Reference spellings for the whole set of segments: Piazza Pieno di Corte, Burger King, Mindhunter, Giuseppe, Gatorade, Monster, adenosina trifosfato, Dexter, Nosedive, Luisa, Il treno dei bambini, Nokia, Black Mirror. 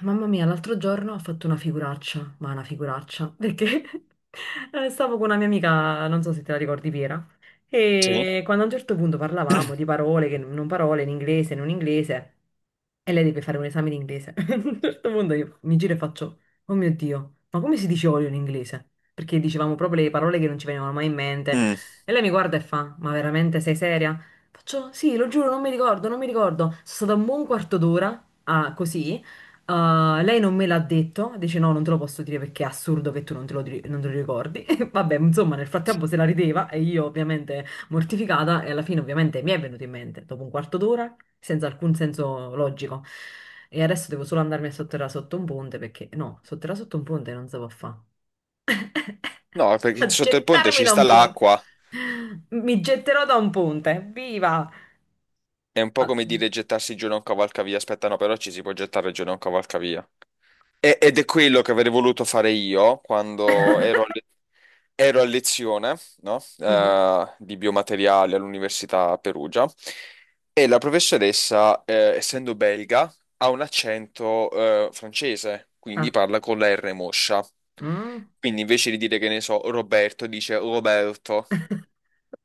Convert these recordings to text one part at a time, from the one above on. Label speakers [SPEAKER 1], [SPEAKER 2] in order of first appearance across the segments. [SPEAKER 1] Mamma mia, l'altro giorno ho fatto una figuraccia, ma una figuraccia, perché stavo con una mia amica, non so se te la ricordi Piera,
[SPEAKER 2] Sì.
[SPEAKER 1] e quando a un certo punto parlavamo di parole, che non parole, in inglese, non inglese, e lei deve fare un esame di inglese. A un certo punto io mi giro e faccio, oh mio Dio, ma come si dice olio in inglese? Perché dicevamo proprio le parole che non ci venivano mai in mente.
[SPEAKER 2] Mm.
[SPEAKER 1] E lei mi guarda e fa, ma veramente sei seria? Faccio, sì, lo giuro, non mi ricordo, non mi ricordo. Sono stata un buon quarto d'ora, così. Ah, lei non me l'ha detto, dice no, non te lo posso dire perché è assurdo che tu non te lo, non te lo ricordi. E vabbè, insomma, nel frattempo se la rideva e io ovviamente mortificata e alla fine ovviamente mi è venuto in mente, dopo un quarto d'ora, senza alcun senso logico. E adesso devo solo andarmi a sotterrare sotto un ponte perché no, sotterrare sotto un ponte non si può fare.
[SPEAKER 2] No, perché
[SPEAKER 1] A
[SPEAKER 2] sotto il ponte
[SPEAKER 1] gettarmi
[SPEAKER 2] ci
[SPEAKER 1] da
[SPEAKER 2] sta
[SPEAKER 1] un ponte.
[SPEAKER 2] l'acqua.
[SPEAKER 1] Mi getterò da un ponte, viva!
[SPEAKER 2] È un po'
[SPEAKER 1] Ah,
[SPEAKER 2] come dire gettarsi giù da un cavalcavia. Aspetta, no, però ci si può gettare giù da un cavalcavia. Ed è quello che avrei voluto fare io quando ero a, ero a lezione, no?
[SPEAKER 1] mhm.
[SPEAKER 2] Di biomateriali all'Università a Perugia. E la professoressa, essendo belga, ha un accento, francese, quindi
[SPEAKER 1] Ah,
[SPEAKER 2] parla con la R moscia.
[SPEAKER 1] mm,
[SPEAKER 2] Quindi invece di dire che ne so, Roberto, dice Roberto.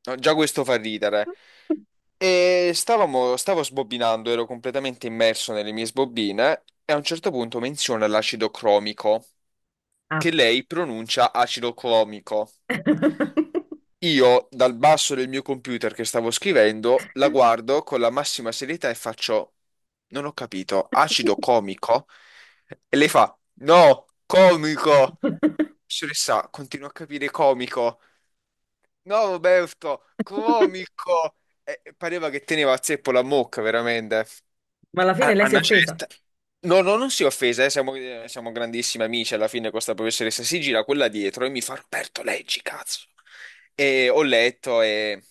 [SPEAKER 2] No, già questo fa ridere. Stavo sbobbinando, ero completamente immerso nelle mie sbobbine e a un certo punto menziona l'acido cromico, che
[SPEAKER 1] ah.
[SPEAKER 2] lei pronuncia acido clomico. Io, dal basso del mio computer che stavo scrivendo, la guardo con la massima serietà e faccio, non ho capito, acido comico? E lei fa, no, comico! Professoressa, continuo a capire comico. No, Roberto, comico! Pareva che teneva a zeppo la mucca, veramente.
[SPEAKER 1] Ma alla fine
[SPEAKER 2] A,
[SPEAKER 1] lei
[SPEAKER 2] a
[SPEAKER 1] si è
[SPEAKER 2] una
[SPEAKER 1] offesa.
[SPEAKER 2] certa. No, no, non si è offesa, siamo, siamo grandissimi amici. Alla fine, questa professoressa si gira quella dietro e mi fa: Roberto, leggi, cazzo. E ho letto e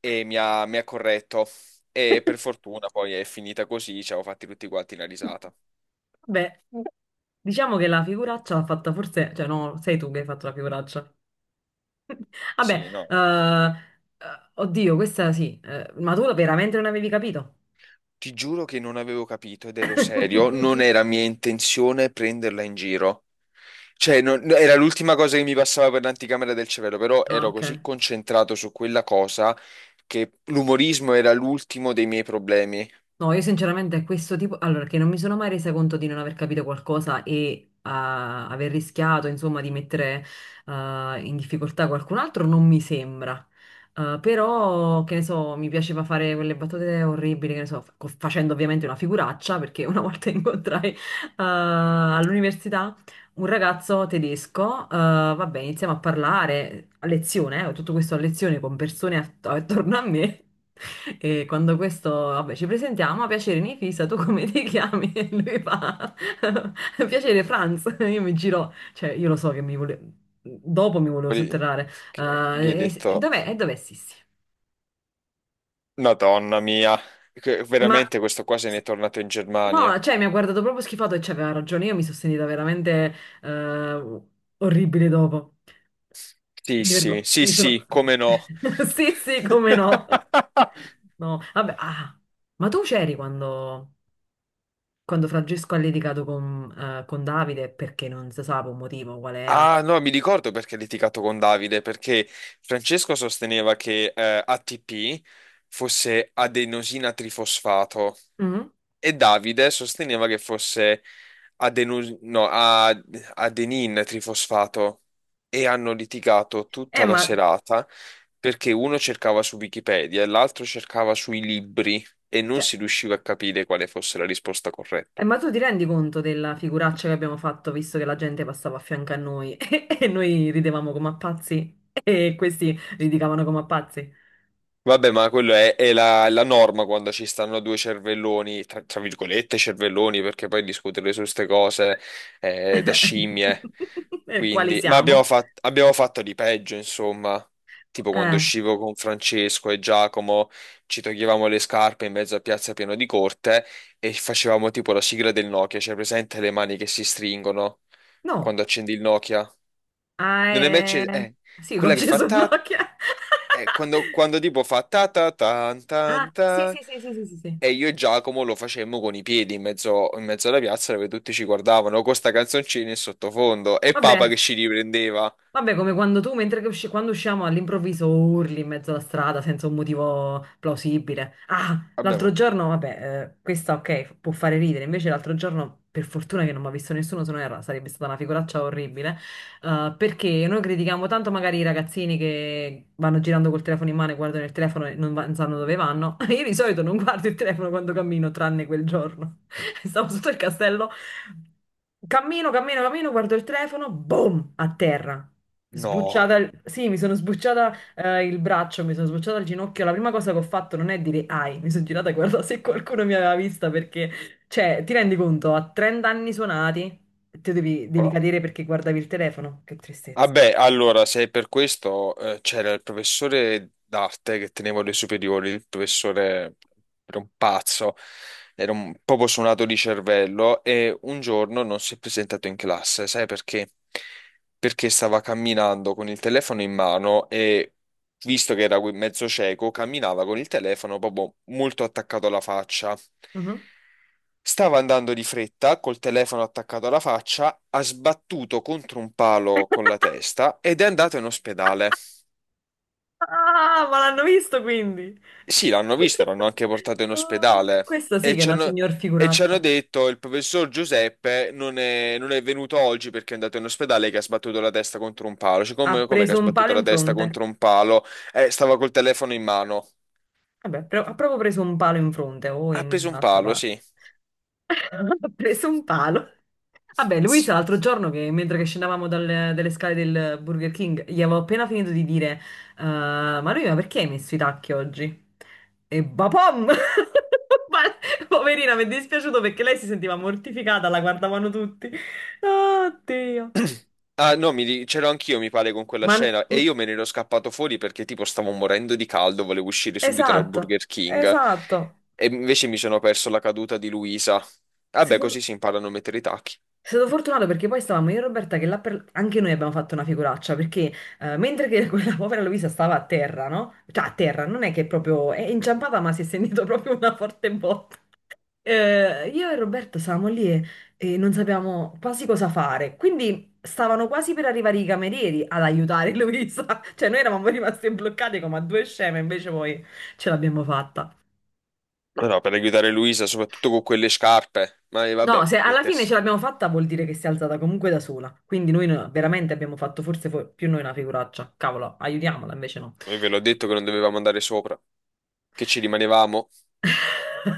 [SPEAKER 2] mi ha corretto. E per fortuna poi è finita così. Ci avevo fatti tutti quanti la risata.
[SPEAKER 1] Beh, diciamo che la figuraccia l'ha fatta forse, cioè no, sei tu che hai fatto la figuraccia. Vabbè,
[SPEAKER 2] Sì, no. Eh.
[SPEAKER 1] eh, oddio, questa sì, ma tu veramente non avevi capito?
[SPEAKER 2] Ti giuro che non avevo capito ed ero serio. Non era mia intenzione prenderla in giro. Cioè, no, era l'ultima cosa che mi passava per l'anticamera del cervello, però
[SPEAKER 1] Ah,
[SPEAKER 2] ero
[SPEAKER 1] ok.
[SPEAKER 2] così concentrato su quella cosa che l'umorismo era l'ultimo dei miei problemi.
[SPEAKER 1] No, io sinceramente questo tipo, allora che non mi sono mai resa conto di non aver capito qualcosa e aver rischiato, insomma, di mettere in difficoltà qualcun altro, non mi sembra. Ah, però, che ne so, mi piaceva fare quelle battute orribili, che ne so, facendo ovviamente una figuraccia, perché una volta incontrai all'università un ragazzo tedesco, vabbè, iniziamo a parlare a lezione, tutto questo a lezione con persone attorno a me. E quando questo, vabbè, ci presentiamo, a piacere Nifisa, tu come ti chiami? E lui fa, piacere Franz. Io mi giro, cioè io lo so che mi volevo, dopo mi volevo
[SPEAKER 2] Poi
[SPEAKER 1] sotterrare.
[SPEAKER 2] gli ho
[SPEAKER 1] Eh, e
[SPEAKER 2] detto,
[SPEAKER 1] dov'è? E dov'è Sissi?
[SPEAKER 2] Madonna mia,
[SPEAKER 1] Ma
[SPEAKER 2] veramente questo qua se
[SPEAKER 1] s-
[SPEAKER 2] n'è tornato in
[SPEAKER 1] no,
[SPEAKER 2] Germania.
[SPEAKER 1] cioè mi ha guardato proprio schifato e c'aveva ragione, io mi sono sentita veramente eh, orribile dopo.
[SPEAKER 2] Sì, sì, sì,
[SPEAKER 1] Mi sono...
[SPEAKER 2] sì, come no.
[SPEAKER 1] Sì, sì, come no. No, vabbè, ma tu c'eri quando, quando Francesco ha litigato con Davide perché non si sa per un motivo qual era.
[SPEAKER 2] Ah, no, mi ricordo perché ha litigato con Davide, perché Francesco sosteneva che ATP fosse adenosina trifosfato.
[SPEAKER 1] Mhm.
[SPEAKER 2] E Davide sosteneva che fosse adenu- no, a- adenin trifosfato e hanno litigato tutta
[SPEAKER 1] Eh,
[SPEAKER 2] la
[SPEAKER 1] ma,
[SPEAKER 2] serata perché uno cercava su Wikipedia e l'altro cercava sui libri e non
[SPEAKER 1] cioè,
[SPEAKER 2] si riusciva a capire quale fosse la risposta corretta.
[SPEAKER 1] ma tu ti rendi conto della figuraccia che abbiamo fatto visto che la gente passava a fianco a noi e noi ridevamo come a pazzi e questi litigavano come a pazzi?
[SPEAKER 2] Vabbè, ma quello è la norma quando ci stanno due cervelloni, tra virgolette cervelloni, perché poi discutere su queste cose è da scimmie.
[SPEAKER 1] Per quali
[SPEAKER 2] Quindi, ma
[SPEAKER 1] siamo?
[SPEAKER 2] abbiamo fatto di peggio, insomma. Tipo quando
[SPEAKER 1] Eh,
[SPEAKER 2] uscivo con Francesco e Giacomo, ci toglievamo le scarpe in mezzo a Piazza Pieno di Corte e facevamo tipo la sigla del Nokia, cioè presente le mani che si stringono
[SPEAKER 1] no.
[SPEAKER 2] quando accendi il Nokia?
[SPEAKER 1] Ah,
[SPEAKER 2] Non è mai acceso?
[SPEAKER 1] è... Sì, con
[SPEAKER 2] Quella che fa
[SPEAKER 1] Gesù
[SPEAKER 2] ta
[SPEAKER 1] Nokia.
[SPEAKER 2] quando tipo fa ta ta tan
[SPEAKER 1] Ah,
[SPEAKER 2] tan
[SPEAKER 1] sì,
[SPEAKER 2] ta,
[SPEAKER 1] sì, sì, sì, sì, sì, sì.
[SPEAKER 2] e io e Giacomo lo facemmo con i piedi in mezzo alla piazza dove tutti ci guardavano con sta canzoncina in sottofondo e Papa
[SPEAKER 1] Vabbè,
[SPEAKER 2] che ci riprendeva.
[SPEAKER 1] vabbè, come quando tu, mentre che quando usciamo all'improvviso urli in mezzo alla strada senza un motivo plausibile. Ah,
[SPEAKER 2] Vabbè,
[SPEAKER 1] l'altro
[SPEAKER 2] ma
[SPEAKER 1] giorno, vabbè, questa ok, può fare ridere, invece l'altro giorno, per fortuna che non mi ha visto nessuno, se no sarebbe stata una figuraccia orribile, perché noi critichiamo tanto magari i ragazzini che vanno girando col telefono in mano e guardano il telefono e non, non sanno dove vanno. Io di solito non guardo il telefono quando cammino, tranne quel giorno. Stavo sotto il castello. Cammino, cammino, cammino, guardo il telefono, boom, a terra.
[SPEAKER 2] no.
[SPEAKER 1] Sbucciata, sì, mi sono sbucciata il braccio, mi sono sbucciata il ginocchio. La prima cosa che ho fatto non è dire ai, mi sono girata e guardata se qualcuno mi aveva vista perché, cioè, ti rendi conto, a 30 anni suonati, te devi, devi cadere perché guardavi il telefono. Che tristezza.
[SPEAKER 2] Vabbè, allora, se è per questo, c'era il professore d'arte che tenevo le superiori, il professore era un pazzo, era un proprio suonato di cervello e un giorno non si è presentato in classe, sai perché? Perché stava camminando con il telefono in mano e, visto che era mezzo cieco, camminava con il telefono proprio molto attaccato alla faccia.
[SPEAKER 1] Mhm.
[SPEAKER 2] Stava andando di fretta, col telefono attaccato alla faccia, ha sbattuto contro un palo con la testa ed è andato in ospedale.
[SPEAKER 1] Ah, ma l'hanno visto quindi.
[SPEAKER 2] Sì, l'hanno visto, l'hanno anche portato in
[SPEAKER 1] Oh,
[SPEAKER 2] ospedale
[SPEAKER 1] questa sì
[SPEAKER 2] e
[SPEAKER 1] che è
[SPEAKER 2] ci
[SPEAKER 1] una
[SPEAKER 2] hanno,
[SPEAKER 1] signor
[SPEAKER 2] e ci hanno
[SPEAKER 1] figuraccia.
[SPEAKER 2] detto il professor Giuseppe non è venuto oggi perché è andato in ospedale che ha sbattuto la testa contro un palo. Cioè,
[SPEAKER 1] Ha
[SPEAKER 2] come, come che ha
[SPEAKER 1] preso un
[SPEAKER 2] sbattuto
[SPEAKER 1] palo
[SPEAKER 2] la
[SPEAKER 1] in
[SPEAKER 2] testa
[SPEAKER 1] fronte.
[SPEAKER 2] contro un palo? Stava col telefono in mano.
[SPEAKER 1] Vabbè, ha proprio preso un palo in fronte o
[SPEAKER 2] Ha
[SPEAKER 1] in un
[SPEAKER 2] preso un
[SPEAKER 1] altro,
[SPEAKER 2] palo,
[SPEAKER 1] ma
[SPEAKER 2] sì.
[SPEAKER 1] ha preso un palo. Vabbè, Luisa,
[SPEAKER 2] Sì.
[SPEAKER 1] l'altro giorno, che, mentre che scendevamo dalle, dalle scale del Burger King, gli avevo appena finito di dire, ma lui, ma perché hai messo i tacchi oggi? E bapom! Ma... Poverina, mi è dispiaciuto perché lei si sentiva mortificata, la guardavano tutti. Oddio.
[SPEAKER 2] Ah, no, c'ero anch'io, mi pare, con quella
[SPEAKER 1] Ma...
[SPEAKER 2] scena e io me ne ero scappato fuori perché tipo stavo morendo di caldo, volevo uscire subito dal
[SPEAKER 1] Esatto,
[SPEAKER 2] Burger King
[SPEAKER 1] esatto.
[SPEAKER 2] e invece mi sono perso la caduta di Luisa. Vabbè, così si imparano a mettere i tacchi.
[SPEAKER 1] È stato fortunato perché poi stavamo io e Roberta che là per... anche noi abbiamo fatto una figuraccia perché mentre che quella povera Luisa stava a terra, no? Cioè a terra, non è che proprio è inciampata ma si è sentito proprio una forte botta. Io e Roberto stavamo lì e non sapevamo quasi cosa fare, quindi stavano quasi per arrivare i camerieri ad aiutare Luisa, cioè noi eravamo rimasti bloccati come a due sceme, invece poi ce l'abbiamo fatta.
[SPEAKER 2] Ma no, per aiutare Luisa, soprattutto con quelle scarpe. Ma
[SPEAKER 1] No,
[SPEAKER 2] vabbè,
[SPEAKER 1] se alla fine
[SPEAKER 2] mettersi.
[SPEAKER 1] ce l'abbiamo fatta vuol dire che si è alzata comunque da sola. Quindi noi veramente abbiamo fatto forse più noi una figuraccia. Cavolo, aiutiamola, invece no.
[SPEAKER 2] Io ve l'ho detto che non dovevamo andare sopra, che ci rimanevamo.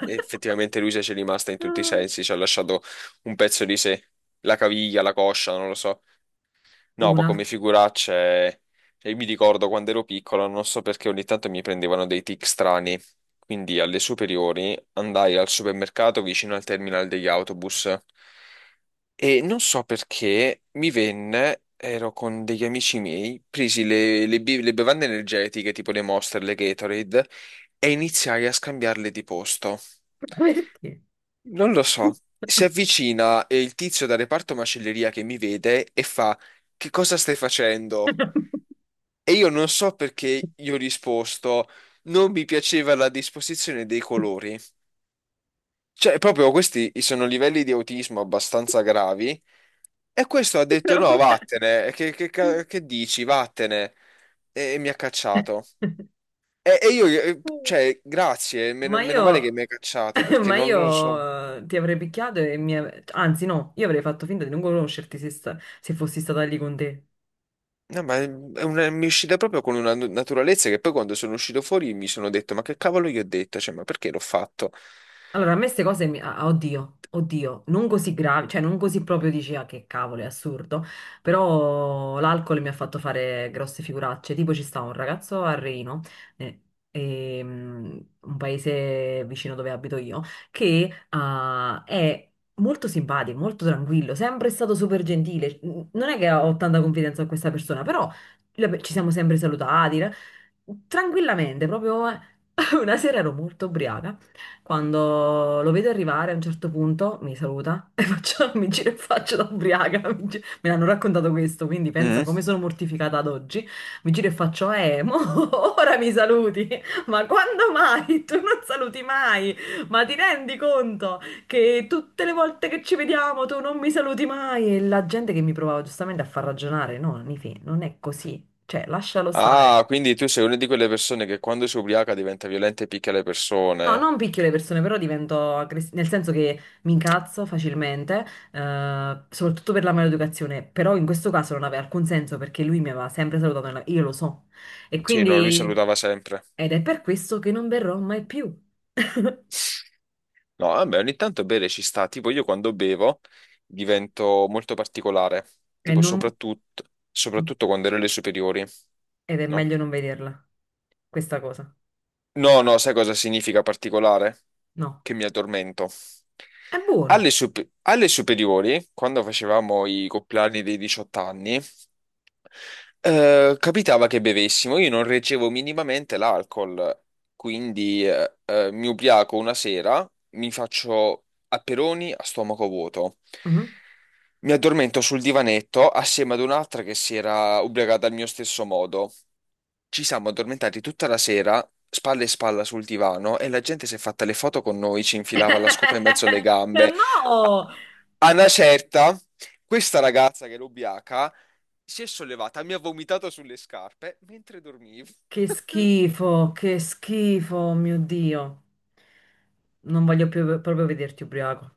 [SPEAKER 2] E effettivamente Luisa ci è rimasta in tutti i
[SPEAKER 1] Ah.
[SPEAKER 2] sensi, ci ha lasciato un pezzo di sé, la caviglia, la coscia, non lo so. No, ma
[SPEAKER 1] Una...
[SPEAKER 2] come figuracce, cioè, io mi ricordo quando ero piccolo, non so perché ogni tanto mi prendevano dei tic strani. Quindi alle superiori andai al supermercato vicino al terminal degli autobus e non so perché mi venne, ero con degli amici miei, presi le bevande energetiche tipo le Monster, le Gatorade e iniziai a scambiarle di posto.
[SPEAKER 1] Perché?
[SPEAKER 2] Non lo so. Si avvicina il tizio dal reparto macelleria che mi vede e fa: Che cosa stai facendo? E io non so perché io ho risposto: Non mi piaceva la disposizione dei colori. Cioè, proprio questi sono livelli di autismo abbastanza gravi. E questo ha detto: No,
[SPEAKER 1] Vabbè.
[SPEAKER 2] vattene, che dici? Vattene. E mi ha cacciato. E io cioè, grazie,
[SPEAKER 1] Ma
[SPEAKER 2] meno male
[SPEAKER 1] io...
[SPEAKER 2] che mi hai cacciato perché
[SPEAKER 1] Ma
[SPEAKER 2] non lo so.
[SPEAKER 1] io ti avrei picchiato e mi... Anzi, no, io avrei fatto finta di non conoscerti se, se fossi stata lì con te.
[SPEAKER 2] No, ma mi è uscita proprio con una naturalezza che poi quando sono uscito fuori mi sono detto, ma che cavolo gli ho detto? Cioè, ma perché l'ho fatto?
[SPEAKER 1] Allora, a me queste cose, mi... ah, oddio, oddio, non così gravi, cioè non così proprio dici, ah che cavolo, è assurdo, però l'alcol mi ha fatto fare grosse figuracce, tipo ci sta un ragazzo a Reino, eh, un paese vicino dove abito io, che è molto simpatico, molto tranquillo, sempre stato super gentile, non è che ho tanta confidenza con questa persona, però ci siamo sempre salutati, tranquillamente, proprio.... Una sera ero molto ubriaca quando lo vedo arrivare a un certo punto mi saluta e faccio, mi giro e faccio da ubriaca. Mi, me l'hanno raccontato questo, quindi pensa
[SPEAKER 2] Mm.
[SPEAKER 1] come sono mortificata ad oggi. Mi giro e faccio, mo, ora mi saluti. Ma quando mai? Tu non saluti mai. Ma ti rendi conto che tutte le volte che ci vediamo tu non mi saluti mai? E la gente che mi provava giustamente a far ragionare, no, Nifi, non è così. Cioè, lascialo stare.
[SPEAKER 2] Ah, quindi tu sei una di quelle persone che quando si ubriaca diventa violenta e picchia le
[SPEAKER 1] No,
[SPEAKER 2] persone.
[SPEAKER 1] non picchio le persone, però divento aggressiva, nel senso che mi incazzo facilmente, soprattutto per la maleducazione, però in questo caso non aveva alcun senso perché lui mi aveva sempre salutato, io lo so. E
[SPEAKER 2] Sì, no, lui
[SPEAKER 1] quindi,
[SPEAKER 2] salutava sempre.
[SPEAKER 1] ed è per questo che non verrò mai più.
[SPEAKER 2] No, vabbè, ogni tanto bere ci sta. Tipo, io quando bevo divento molto particolare.
[SPEAKER 1] E
[SPEAKER 2] Tipo,
[SPEAKER 1] non...
[SPEAKER 2] soprattutto quando ero alle superiori.
[SPEAKER 1] Ed è
[SPEAKER 2] No?
[SPEAKER 1] meglio non vederla, questa cosa.
[SPEAKER 2] No, no, sai cosa significa particolare?
[SPEAKER 1] No,
[SPEAKER 2] Che mi addormento.
[SPEAKER 1] è buono.
[SPEAKER 2] Alle superiori, quando facevamo i compleanni dei 18 anni, capitava che bevessimo. Io non reggevo minimamente l'alcol, quindi mi ubriaco una sera, mi faccio aperoni a stomaco vuoto.
[SPEAKER 1] Mhm.
[SPEAKER 2] Mi addormento sul divanetto assieme ad un'altra che si era ubriacata al mio stesso modo. Ci siamo addormentati tutta la sera, spalle e spalla sul divano, e la gente si è fatta le foto con noi, ci infilava la scopa in mezzo alle gambe,
[SPEAKER 1] No!
[SPEAKER 2] a una certa, questa ragazza che era ubriaca si è sollevata, mi ha vomitato sulle scarpe mentre dormivo.
[SPEAKER 1] Che schifo, mio Dio. Non voglio più proprio vederti ubriaco.